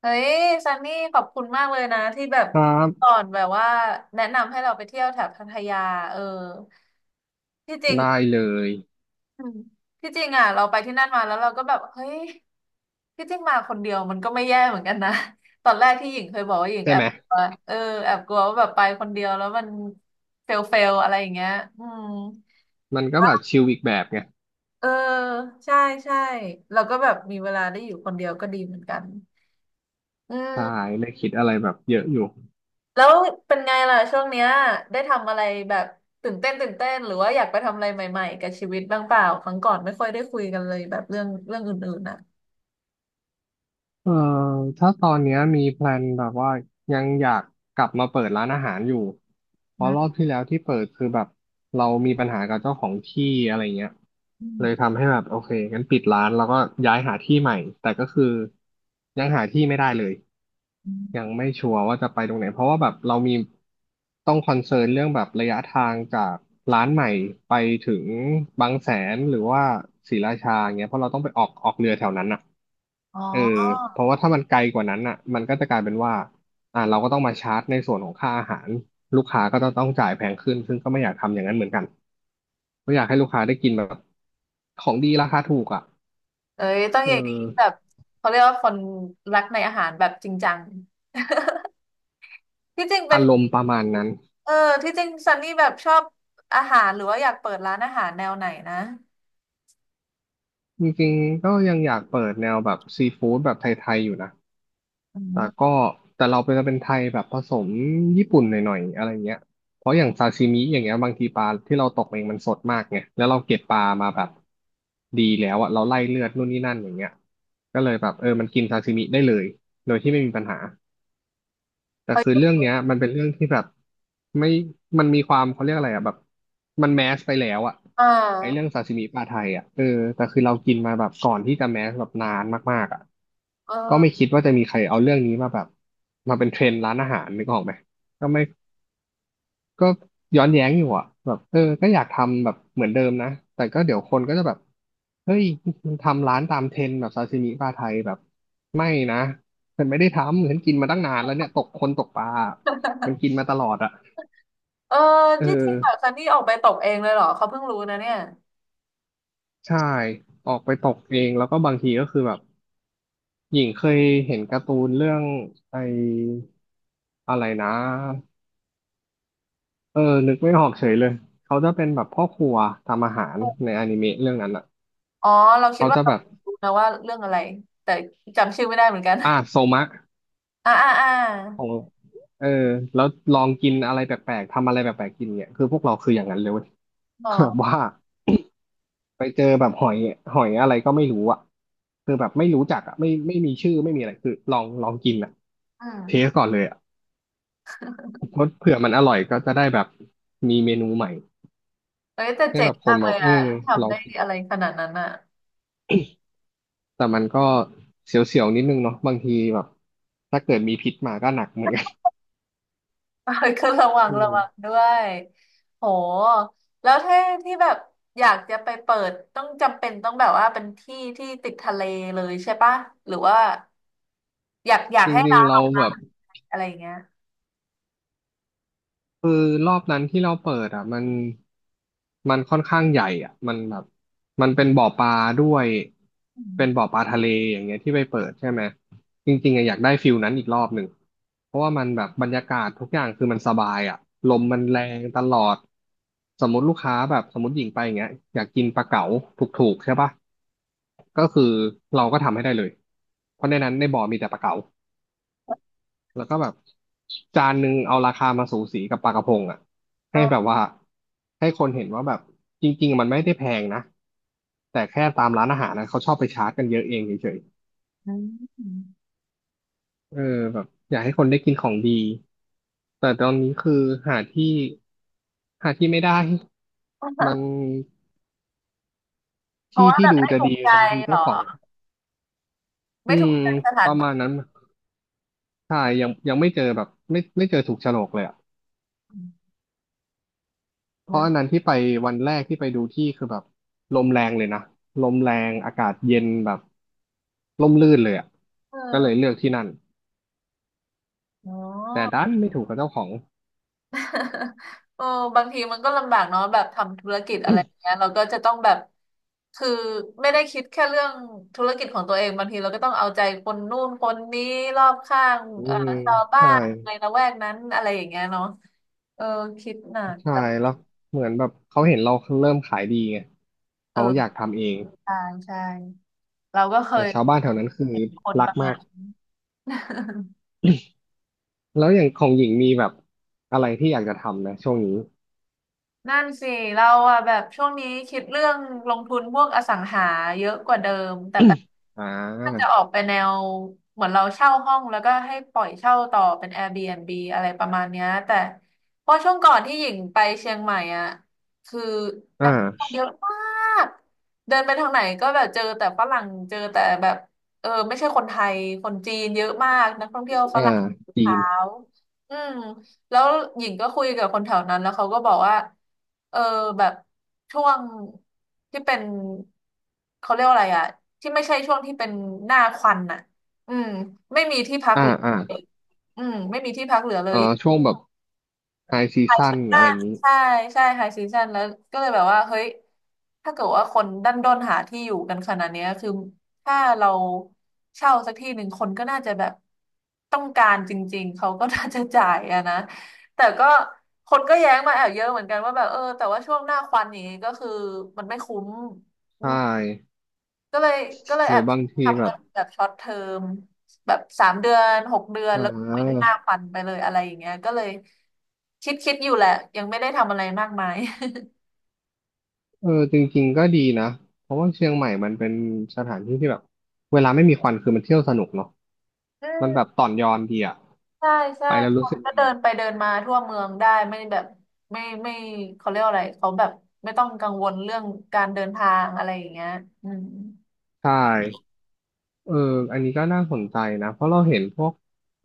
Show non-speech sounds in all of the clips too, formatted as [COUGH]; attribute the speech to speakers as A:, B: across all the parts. A: เฮ้ยซันนี่ขอบคุณมากเลยนะที่แบบ
B: ครั
A: สอ
B: บ
A: นแบบว่าแนะนำให้เราไปเที่ยวแถบพัทยาเออที่จริง
B: ได้เลย
A: อืมที่จริงอ่ะเราไปที่นั่นมาแล้วเราก็แบบเฮ้ยที่จริงมาคนเดียวมันก็ไม่แย่เหมือนกันนะ [LAUGHS] ตอนแรกที่หญิงเคยบอกว่าหญิง
B: ใช่
A: แอ
B: ไห
A: บ
B: ม
A: กลัวเออแอบกลัวว่าแบบไปคนเดียวแล้วมันเฟลเฟลอะไรอย่างเงี้ยอืม
B: มันก็แบบชิลอีกแบบไง
A: เออใช่ใช่เราก็แบบมีเวลาได้อยู่คนเดียวก็ดีเหมือนกันอื
B: ใช่
A: ม
B: ไม่คิดอะไรแบบเยอะอยู่
A: แล้วเป็นไงล่ะช่วงเนี้ยได้ทำอะไรแบบตื่นเต้นตื่นเต้นหรือว่าอยากไปทำอะไรใหม่ๆกับชีวิตบ้างเปล่าครั้งก่อนไม่ค่อยได้คุยกันเลยแบบเรื่องอื่นๆนะ
B: เอ่อถ้าตอนเนี้ยมีแพลนแบบว่ายังอยากกลับมาเปิดร้านอาหารอยู่เพ
A: อื
B: ราะร
A: ม
B: อบที่แล้วที่เปิดคือแบบเรามีปัญหากับเจ้าของที่อะไรเงี้ย
A: อื
B: เลย
A: ม
B: ทำให้แบบโอเคงั้นปิดร้านแล้วก็ย้ายหาที่ใหม่แต่ก็คือยังหาที่ไม่ได้เลย ยั
A: อ
B: งไม่ชัวร์ว่าจะไปตรงไหนเพราะว่าแบบเรามีต้องคอนเซิร์นเรื่องแบบระยะทางจากร้านใหม่ไปถึงบางแสนหรือว่าศรีราชาเงี้ยเพราะเราต้องไปออกเรือแถวนั้นอ่ะ
A: ๋อ
B: เออเพราะว่าถ้ามันไกลกว่านั้นอ่ะมันก็จะกลายเป็นว่าเราก็ต้องมาชาร์จในส่วนของค่าอาหารลูกค้าก็จะต้องจ่ายแพงขึ้นซึ่งก็ไม่อยากทำอย่างนั้นเหมือนกันก็อยากให้ลูกค้าได้กินแบบของดีราคาถูกอ่ะ
A: เอ้ยต้อง
B: เอ
A: อย่างนี้แบบ
B: อ
A: เขาเรียกว่าคนรักในอาหารแบบจริงจังที่จริงเป็น
B: อารมณ์ประมาณนั้น
A: เออที่จริงซันนี่แบบชอบอาหารหรือว่าอยากเปิดร้านอาหารแนวไหนนะ
B: จริงๆก็ยังอยากเปิดแนวแบบซีฟู้ดแบบไทยๆอยู่นะ
A: อื
B: แต่
A: ม
B: ก็แต่เราเป็นไทยแบบผสมญี่ปุ่นหน่อยๆอะไรเงี้ยเพราะอย่างซาชิมิอย่างเงี้ยบางทีปลาที่เราตกเองมันสดมากไงแล้วเราเก็บปลามาแบบดีแล้วอะเราไล่เลือดนู่นนี่นั่นอย่างเงี้ยก็เลยแบบเออมันกินซาชิมิได้เลยโดยที่ไม่มีปัญหา แต่
A: เฮ้
B: คือ
A: ย
B: เรื่องเนี้ยมันเป็นเรื่องที่แบบไม่มันมีความเขาเรียกอะไรอ่ะแบบมันแมสไปแล้วอ่ะ
A: อ่า
B: ไอ้เรื่องซาซิมิปลาไทยอ่ะเออแต่คือเรากินมาแบบก่อนที่จะแมสแบบนานมากๆอ่ะ
A: เออ
B: ก็ไม่คิดว่าจะมีใครเอาเรื่องนี้มาแบบมาเป็นเทรนด์ร้านอาหารนึกออกไหมก็ไม่ ก็ย้อนแย้งอยู่อ่ะแบบเออก็อยากทำแบบเหมือนเดิมนะแต่ก็เดี๋ยวคนก็จะแบบเฮ้ยมันทำร้านตามเทรนด์แบบซาซิมิปลาไทยแบบไม่นะฉันไม่ได้ทำฉันกินมาตั้งนานแล้วเนี่ยตกคนตกปลามันกินมาตลอดอ่ะ
A: เออ
B: เออ
A: ที่จริงแบบซันนี่ออกไปตกเองเลยเหรอเขาเพิ่งรู้นะเนี่ย
B: ใช่ออกไปตกเองแล้วก็บางทีก็คือแบบหญิงเคยเห็นการ์ตูนเรื่องไออะไรนะเออนึกไม่ออกเฉยเลยเขาจะเป็นแบบพ่อครัวทำอาหารในอนิเมะเรื่องนั้นอ่ะ
A: อ๋อเราคิด
B: เขา
A: ว่า
B: จะ
A: เรา
B: แบบ
A: รู้นะว่าเรื่องอะไรแต่จำชื่อไม่ได้เหมือนกัน
B: อ่าโซมะ
A: [LAUGHS] อ่าอ่าอ่า
B: ของเออแล้วลองกินอะไรแปลกๆทำอะไรแปลกๆกินเนี่ยคือพวกเราคืออย่างนั้นเลยเว้ย
A: หร
B: [LAUGHS] แบบว่า
A: อ
B: ไปเจอแบบหอยอะไรก็ไม่รู้อ่ะคือแบบไม่รู้จักอ่ะไม่ไม่มีชื่อไม่มีอะไรคือลองกินอ่ะ
A: อื
B: เทส
A: ม
B: ก่อนเลยอ่ะเพราะเผื่อมันอร่อยก็จะได้แบบมีเมนูใหม่
A: เอ้ยแต่
B: ให้
A: เจ๋
B: แบ
A: ง
B: บค
A: มา
B: น
A: ก
B: แบ
A: เล
B: บ
A: ย
B: เออ
A: อ่ะ
B: ล
A: ทำ
B: อง
A: ได้
B: กิน
A: อะไรขนาดนั้นอ่ะ
B: แต่มันก็เสียวๆนิดนึงเนาะบางทีแบบถ้าเกิดมีพิษมาก็หนักเหมือนกัน
A: [LAUGHS] เอ้ยก็ระวั
B: [LAUGHS]
A: ง
B: อื
A: ระ
B: ม
A: วังด้วยโหแล้วถ้าที่แบบอยากจะไปเปิดต้องจำเป็นต้องแบบว่าเป็นที่ที่ติดทะเลเลยใช่ปะหรือว่าอยากอยาก
B: จ
A: ให้
B: ริง
A: ร้า
B: ๆ
A: นอ
B: เรา
A: อกมา
B: แบบ
A: อะไรอย่างเงี้ย
B: คือรอบนั้นที่เราเปิดอ่ะมันค่อนข้างใหญ่อ่ะมันแบบมันเป็นบ่อปลาด้วย
A: อืม
B: เป็นบ่อปลาทะเลอย่างเงี้ยที่ไปเปิดใช่ไหมจริงๆอะอยากได้ฟิลนั้นอีกรอบหนึ่งเพราะว่ามันแบบบรรยากาศทุกอย่างคือมันสบายอ่ะลมมันแรงตลอดสมมติลูกค้าแบบสมมติหญิงไปอย่างเงี้ยอยากกินปลาเก๋าถูกๆใช่ปะก็คือเราก็ทำให้ได้เลยเพราะในนั้นในบ่อมีแต่ปลาเก๋า แล้วก็แบบจานหนึ่งเอาราคามาสูสีกับปลากระพงอ่ะ
A: อ่
B: ให้แบบ
A: า
B: ว่าให้คนเห็นว่าแบบจริงๆมันไม่ได้แพงนะแต่แค่ตามร้านอาหารนะเขาชอบไปชาร์จกันเยอะเองเฉย
A: อืม
B: ๆเออแบบอยากให้คนได้กินของดีแต่ตอนนี้คือหาที่หาที่ไม่ได้มัน
A: [LAUGHS] เพราะ
B: ที่
A: ว่า
B: ที่
A: แบบ
B: ดู
A: ไม่
B: จะ
A: ถูก
B: ดี
A: ใจ
B: บางที
A: เหรอ
B: เจ้าของอื
A: ไม่ถู
B: ม
A: กใจสถา
B: ป
A: น
B: ระมาณ
A: ท
B: นั้นใช่ยังไม่เจอแบบไม่เจอถูกโฉลกเลยอ่ะ
A: ี่
B: เพราะ
A: นะ
B: อันนั้นที่ไปวันแรกที่ไปดูที่คือแบบลมแรงเลยนะลมแรงอากาศเย็นแบบร่มรื่นเลยอ่ะ
A: เอ
B: ก็เลย
A: อ
B: เลือกที่นั่น
A: อ๋อ
B: แต่ดันไม่ถูกกับเจ้าของ
A: [LAUGHS] เออบางทีมันก็ลำบากเนาะแบบทำธุรกิจอะไรอย่างเงี้ยเราก็จะต้องแบบ คือไม่ได้คิดแค่เรื่องธุรกิจของตัวเองบางทีเราก็ต้องเอาใจคนนู่นคนนี้รอบข้าง
B: อืม
A: ชาวบ้า
B: ใช่
A: นในละแวกนั้นอะไรอย่างเงี้ยเนาะเออคิดหนัก
B: ใช่
A: แต่
B: แล้วเหมือนแบบเขาเห็นเราเริ่มขายดีไงเขาอยาก
A: เออ
B: ทำเอง
A: ใช่ใช่เราก็เค
B: แต่
A: ย
B: ชาวบ้านแถวนั้นคือ
A: เห็นคน
B: รั
A: ป
B: ก
A: ระมา
B: มา
A: ณ
B: ก
A: นั้น
B: แล้วอย่างของหญิงมีแบบอะไรที่อยากจะทำนะช่วงนี้
A: นั่นสิเราอะแบบช่วงนี้คิดเรื่องลงทุนพวกอสังหาเยอะกว่าเดิมแต่แบบ
B: อ่
A: ถ้าจะ
B: า
A: ออกไปแนวเหมือนเราเช่าห้องแล้วก็ให้ปล่อยเช่าต่อเป็น Airbnb อะไรประมาณเนี้ยแต่เพราะช่วงก่อนที่หญิงไปเชียงใหม่อะคือ
B: อ่
A: นักท่อง
B: า
A: เที่ยวเยอะมากเดินไปทางไหนก็แบบเจอแต่ฝรั่งเจอแต่แบบเออไม่ใช่คนไทยคนจีนเยอะมากนักท่องเที่ยวฝ
B: อ่า
A: รั่ง
B: จี
A: ขา
B: น
A: วอืม แล้วหญิงก็คุยกับคนแถวนั้นแล้วเขาก็บอกว่าเออแบบช่วงที่เป็นเขาเรียกว่าอะไรอะที่ไม่ใช่ช่วงที่เป็นหน้าควันน่ะอืมไม่มีที่พัก
B: อ่า
A: เหลือ
B: อ่า
A: เลยอืมไม่มีที่พักเหลือเลย
B: ช่วงแบบไฮซีซั่น
A: อ่า
B: อะไรอย่างนี้
A: ใช่ใช่ไฮซีซันแล้วก็เลยแบบว่าเฮ้ยถ้าเกิดว่าคนดันด้นหาที่อยู่กันขนาดเนี้ยคือถ้าเราเช่าสักที่หนึ่งคนก็น่าจะแบบต้องการจริงๆเขาก็น่าจะจ่ายอะนะแต่ก็คนก็แย้งมาแอบเยอะเหมือนกันว่าแบบเออแต่ว่าช่วงหน้าควันอย่างนี้ก็คือมันไม่คุ้ม
B: ใช่
A: ก็เลยก็เลย
B: ห
A: แอ
B: รือ
A: บ
B: บางที
A: ทำ
B: แบ
A: เป็
B: บ
A: นแบบช็อตเทอมแบบ3 เดือน6 เดือน
B: อ่
A: แล้วก็เว้น
B: า
A: 5 วันไปเลยอะไรอย่างเงี้ยก็เลยคิดอยู่แหละยังไม่ได้ทำอะไรมากมาย
B: เออจริงๆก็ดีนะ เพราะว่าเชียงใหม่มันเป็นสถานที่ที่แบบเวลาไม่มีควันคือมันเที่ยวสนุกเนาะ
A: อื
B: มันแบ
A: ม
B: บต่อนยอนดีอะ
A: ใช่ใช่
B: ไปแล้ว
A: ค
B: รู้
A: น
B: สึก
A: ก็
B: ดี
A: เดินไปเดินมาทั่วเมืองได้ไม่แบบไม่ไม่เขาเรียกว่าอะไรเขาแบบไม่ต้องกังวลเรื่องการเดินทางอะไรอย่างเงี้ยอืม
B: ใช่เอออันนี้ก็น่าสนใจนะเพราะเราเห็นพวก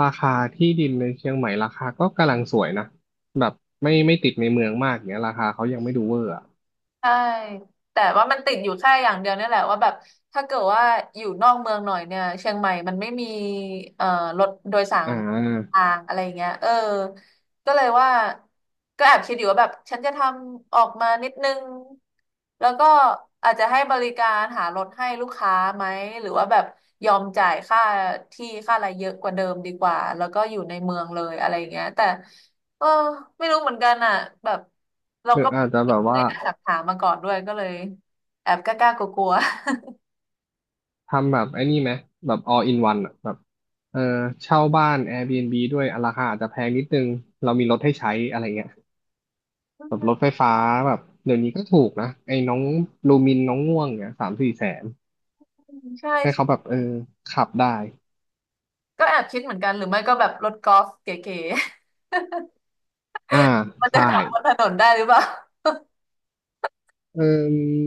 B: ราคาที่ดินในเชียงใหม่ราคาก็กำลังสวยนะแบบไม่ติดในเมืองมากเนี้ยราคาเขายังไม่ดูเวอร์อะ
A: ใช่แต่ว่ามันติดอยู่แค่อย่างเดียวเนี่ยแหละว่าแบบถ้าเกิดว่าอยู่นอกเมืองหน่อยเนี่ยเชียงใหม่มันไม่มีเอ่อรถโดยสา
B: อ่
A: ร
B: า
A: ทางอะไรเงี้ยเออก็เลยว่าก็แอบคิดอยู่ว่าแบบฉันจะทำออกมานิดนึงแล้วก็อาจจะให้บริการหารถให้ลูกค้าไหมหรือว่าแบบยอมจ่ายค่าที่ค่าอะไรเยอะกว่าเดิมดีกว่าแล้วก็อยู่ในเมืองเลยอะไรเงี้ยแต่เออไม่รู้เหมือนกันอ่ะแบบเรา
B: หรือ
A: ก็
B: อาจจะแบบ
A: เล
B: ว่า
A: ยแอบถามมาก่อนด้วยก็เลยแอบกล้าๆกลัว
B: ทำแบบไอ้นี่ไหมแบบ all in one อะแบบเออเช่าบ้าน Airbnb ด้วยอ่ะราคาอาจจะแพงนิดนึงเรามีรถให้ใช้อะไรเงี้ยแบ
A: ๆ
B: บรถไฟฟ้าแบบเดี๋ยวนี้ก็ถูกนะไอ้น้องลูมินน้องง่วงเนี่ย3-4 แสน
A: อืมใช่
B: ให้เขาแบ
A: ใช่
B: บเออขับได้
A: ก็แอบคิดเหมือนกันหรือไม่ก็แบบรถกอล์ฟเก๋
B: อ่า
A: ๆ [LAUGHS] มันจะ
B: ใช่
A: ขับบนถนนได้หรือเปล่า
B: เออ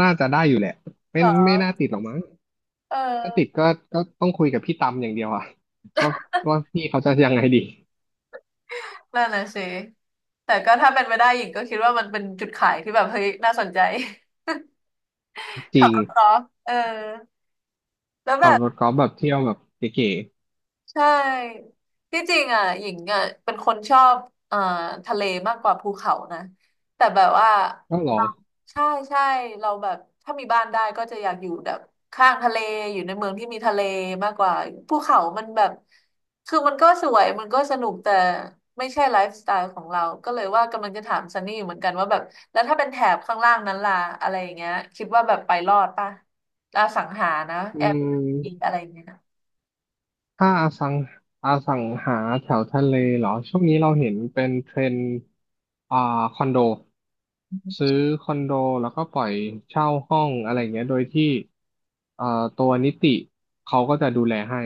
B: น่าจะได้อยู่แหละ
A: [LAUGHS]
B: ไม่
A: เหรอ
B: น่าติดหรอกมั้ง
A: เอ
B: ถ้าติด
A: อ
B: ก็ต้องคุยกับพี่ตำอย่างเดียวอะว่าว่าพี่เขาจะยังไงดี
A: นั่นน่ะสิแต่ก็ถ้าเป็นไปได้หญิงก็คิดว่ามันเป็นจุดขายที่แบบเฮ้ยน่าสนใจ
B: จ
A: [LAUGHS] ขั
B: ริ
A: บ
B: ง
A: รถกอล์ฟเออแล้วแบ
B: ขับ
A: บ
B: รถกอล์ฟแบบเที่ยวแบบเก๋
A: ใช่ที่จริงอ่ะหญิงอ่ะเป็นคนชอบเอ่อทะเลมากกว่าภูเขานะแต่แบบว่า
B: ๆก็หรอ
A: ใช่ใช่เราแบบถ้ามีบ้านได้ก็จะอยากอยู่แบบข้างทะเลอยู่ในเมืองที่มีทะเลมากกว่าภูเขามันแบบคือมันก็สวยมันก็สนุกแต่ไม่ใช่ไลฟ์สไตล์ของเราก็เลยว่ากำลังจะถามซันนี่อยู่เหมือนกันว่าแบบแล้วถ้าเป็นแถบข้างล่างนั้นล่ะอะไรอย่างเงี้ยคิดว่าแบบไปรอดป่ะอาสังหานะ
B: อื
A: แอร์
B: ม
A: อะไรอย่างเงี้ย
B: ถ้าอสังหาแถวทะเลเหรอช่วงนี้เราเห็นเป็นเทรนด์อ่าคอนโดซื้อคอนโดแล้วก็ปล่อยเช่าห้องอะไรเงี้ยโดยที่เอ่อตัวนิติเขาก็จะดูแลให้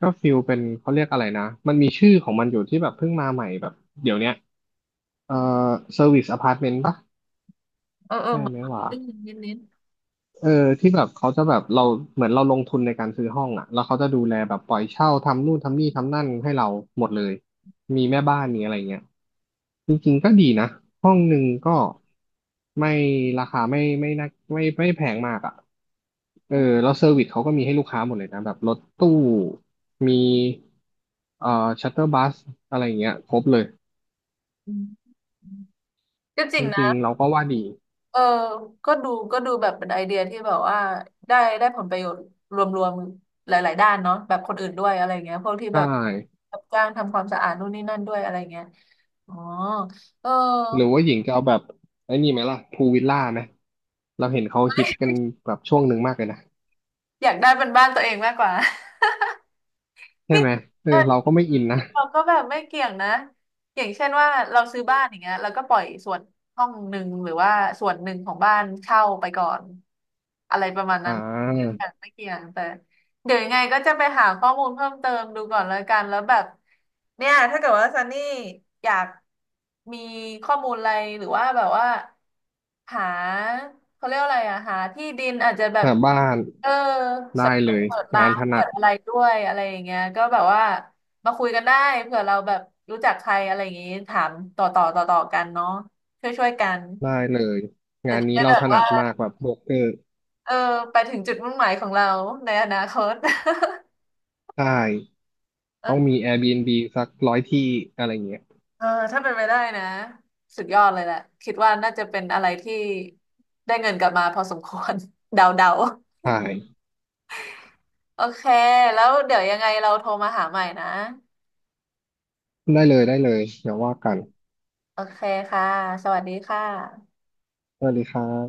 B: ก็ฟิลเป็นเขาเรียกอะไรนะมันมีชื่อของมันอยู่ที่แบบเพิ่งมาใหม่แบบเดี๋ยวเนี้ยเอ่อเซอร์วิสอพาร์ตเมนต์ปะ
A: เออเออ
B: ใช่
A: เหมือน
B: ไหมวะ
A: ได้ยินนิดนิด
B: เออที่แบบเขาจะแบบเราเหมือนเราลงทุนในการซื้อห้องอ่ะแล้วเขาจะดูแลแบบปล่อยเช่าทำนู่นทำนี่ทำนั่นให้เราหมดเลยมีแม่บ้านมีอะไรเงี้ยจริงๆก็ดีนะห้องหนึ่งก็ไม่ราคาไม่น่าไม่แพงมากอ่ะเออแล้วเซอร์วิสเขาก็มีให้ลูกค้าหมดเลยนะแบบรถตู้มีชัตเตอร์บัสอะไรเงี้ยครบเลย
A: อืมก็จ
B: จ
A: ริงนะ
B: ริงๆเราก็ว่าดี
A: เออก็ดูก็ดูแบบเป็นไอเดียที่แบบว่าได้ได้ผลประโยชน์รวมๆหลายๆด้านเนาะแบบคนอื่นด้วยอะไรเงี้ยพวกที่
B: ใช
A: แบบ
B: ่
A: รับจ้างทำความสะอาดนู่นนี่นั่นด้วยอะไรเงี้ยอ๋อ เออ
B: หรือว่าหญิงจะเอาแบบไอ้นี่ไหมล่ะพูวิลล่าไหมเราเห็นเขาฮิตกันแบบช่วงหนึ่งมากเลยนะ
A: อยากได้เป็นบ้านตัวเองมากกว่า
B: ใช่
A: ที่
B: ไหมเออ
A: เออ
B: เราก็ไม่อินนะ
A: ที่เราก็แบบไม่เกี่ยงนะเกี่ยงเช่นว่าเราซื้อบ้านอย่างเงี้ยแล้วก็ปล่อยส่วนห้องหนึ่งหรือว่าส่วนหนึ่งของบ้านเช่าไปก่อนอะไรประมาณ
B: อ่
A: นั้นไม่เกี่
B: า
A: ยงไม่เกี่ยงแต่เดี๋ยวยังไงก็จะไปหาข้อมูลเพิ่มเติมดูก่อนแล้วกันแล้วแบบเนี่ยถ้าเกิดว่าซันนี่อยากมีข้อมูลอะไรหรือว่าแบบว่า หาเขาเรียกว่าอะไรอะหาที่ดินอาจจะแบบ
B: หาบ้าน
A: เออ
B: ได้
A: สำร
B: เล
A: วจ
B: ย
A: เปิดร้า
B: งาน
A: น
B: ถ
A: เปิ
B: นัด
A: ดอะไรด้วยอะไรอย่างเงี้ยก็แบบว่ามาคุยกันได้เผื่อเราแบบรู้จักใครอะไรอย่างงี้ถามต่อต่อต่อต่อกันเนาะช่วยช่วยกัน
B: ได้เลย
A: เร่
B: งาน
A: จะ
B: นี้
A: ได้
B: เรา
A: แบ
B: ถ
A: บ
B: นั
A: ว่า
B: ดมากแบบโบรกเกอร์
A: เออไปถึงจุดมุ่งหมายของเราในอนาคต
B: ใช่
A: [LAUGHS]
B: ต้องมี
A: เออ
B: Airbnb สัก100ที่อะไรเงี้ย
A: เออถ้าเป็นไปได้นะสุดยอดเลยแหละคิดว่าน่าจะเป็นอะไรที่ได้เงินกลับมาพอสมควร [LAUGHS] เดาเดา
B: ใช่
A: โอเค แล้วเดี๋ยวยังไงเราโทรมาหาใหม่นะ
B: ได้เลยได้เลยเดี๋ยวว่ากัน
A: โอเคค่ะ สวัสดีค่ะ
B: สวัสดีครับ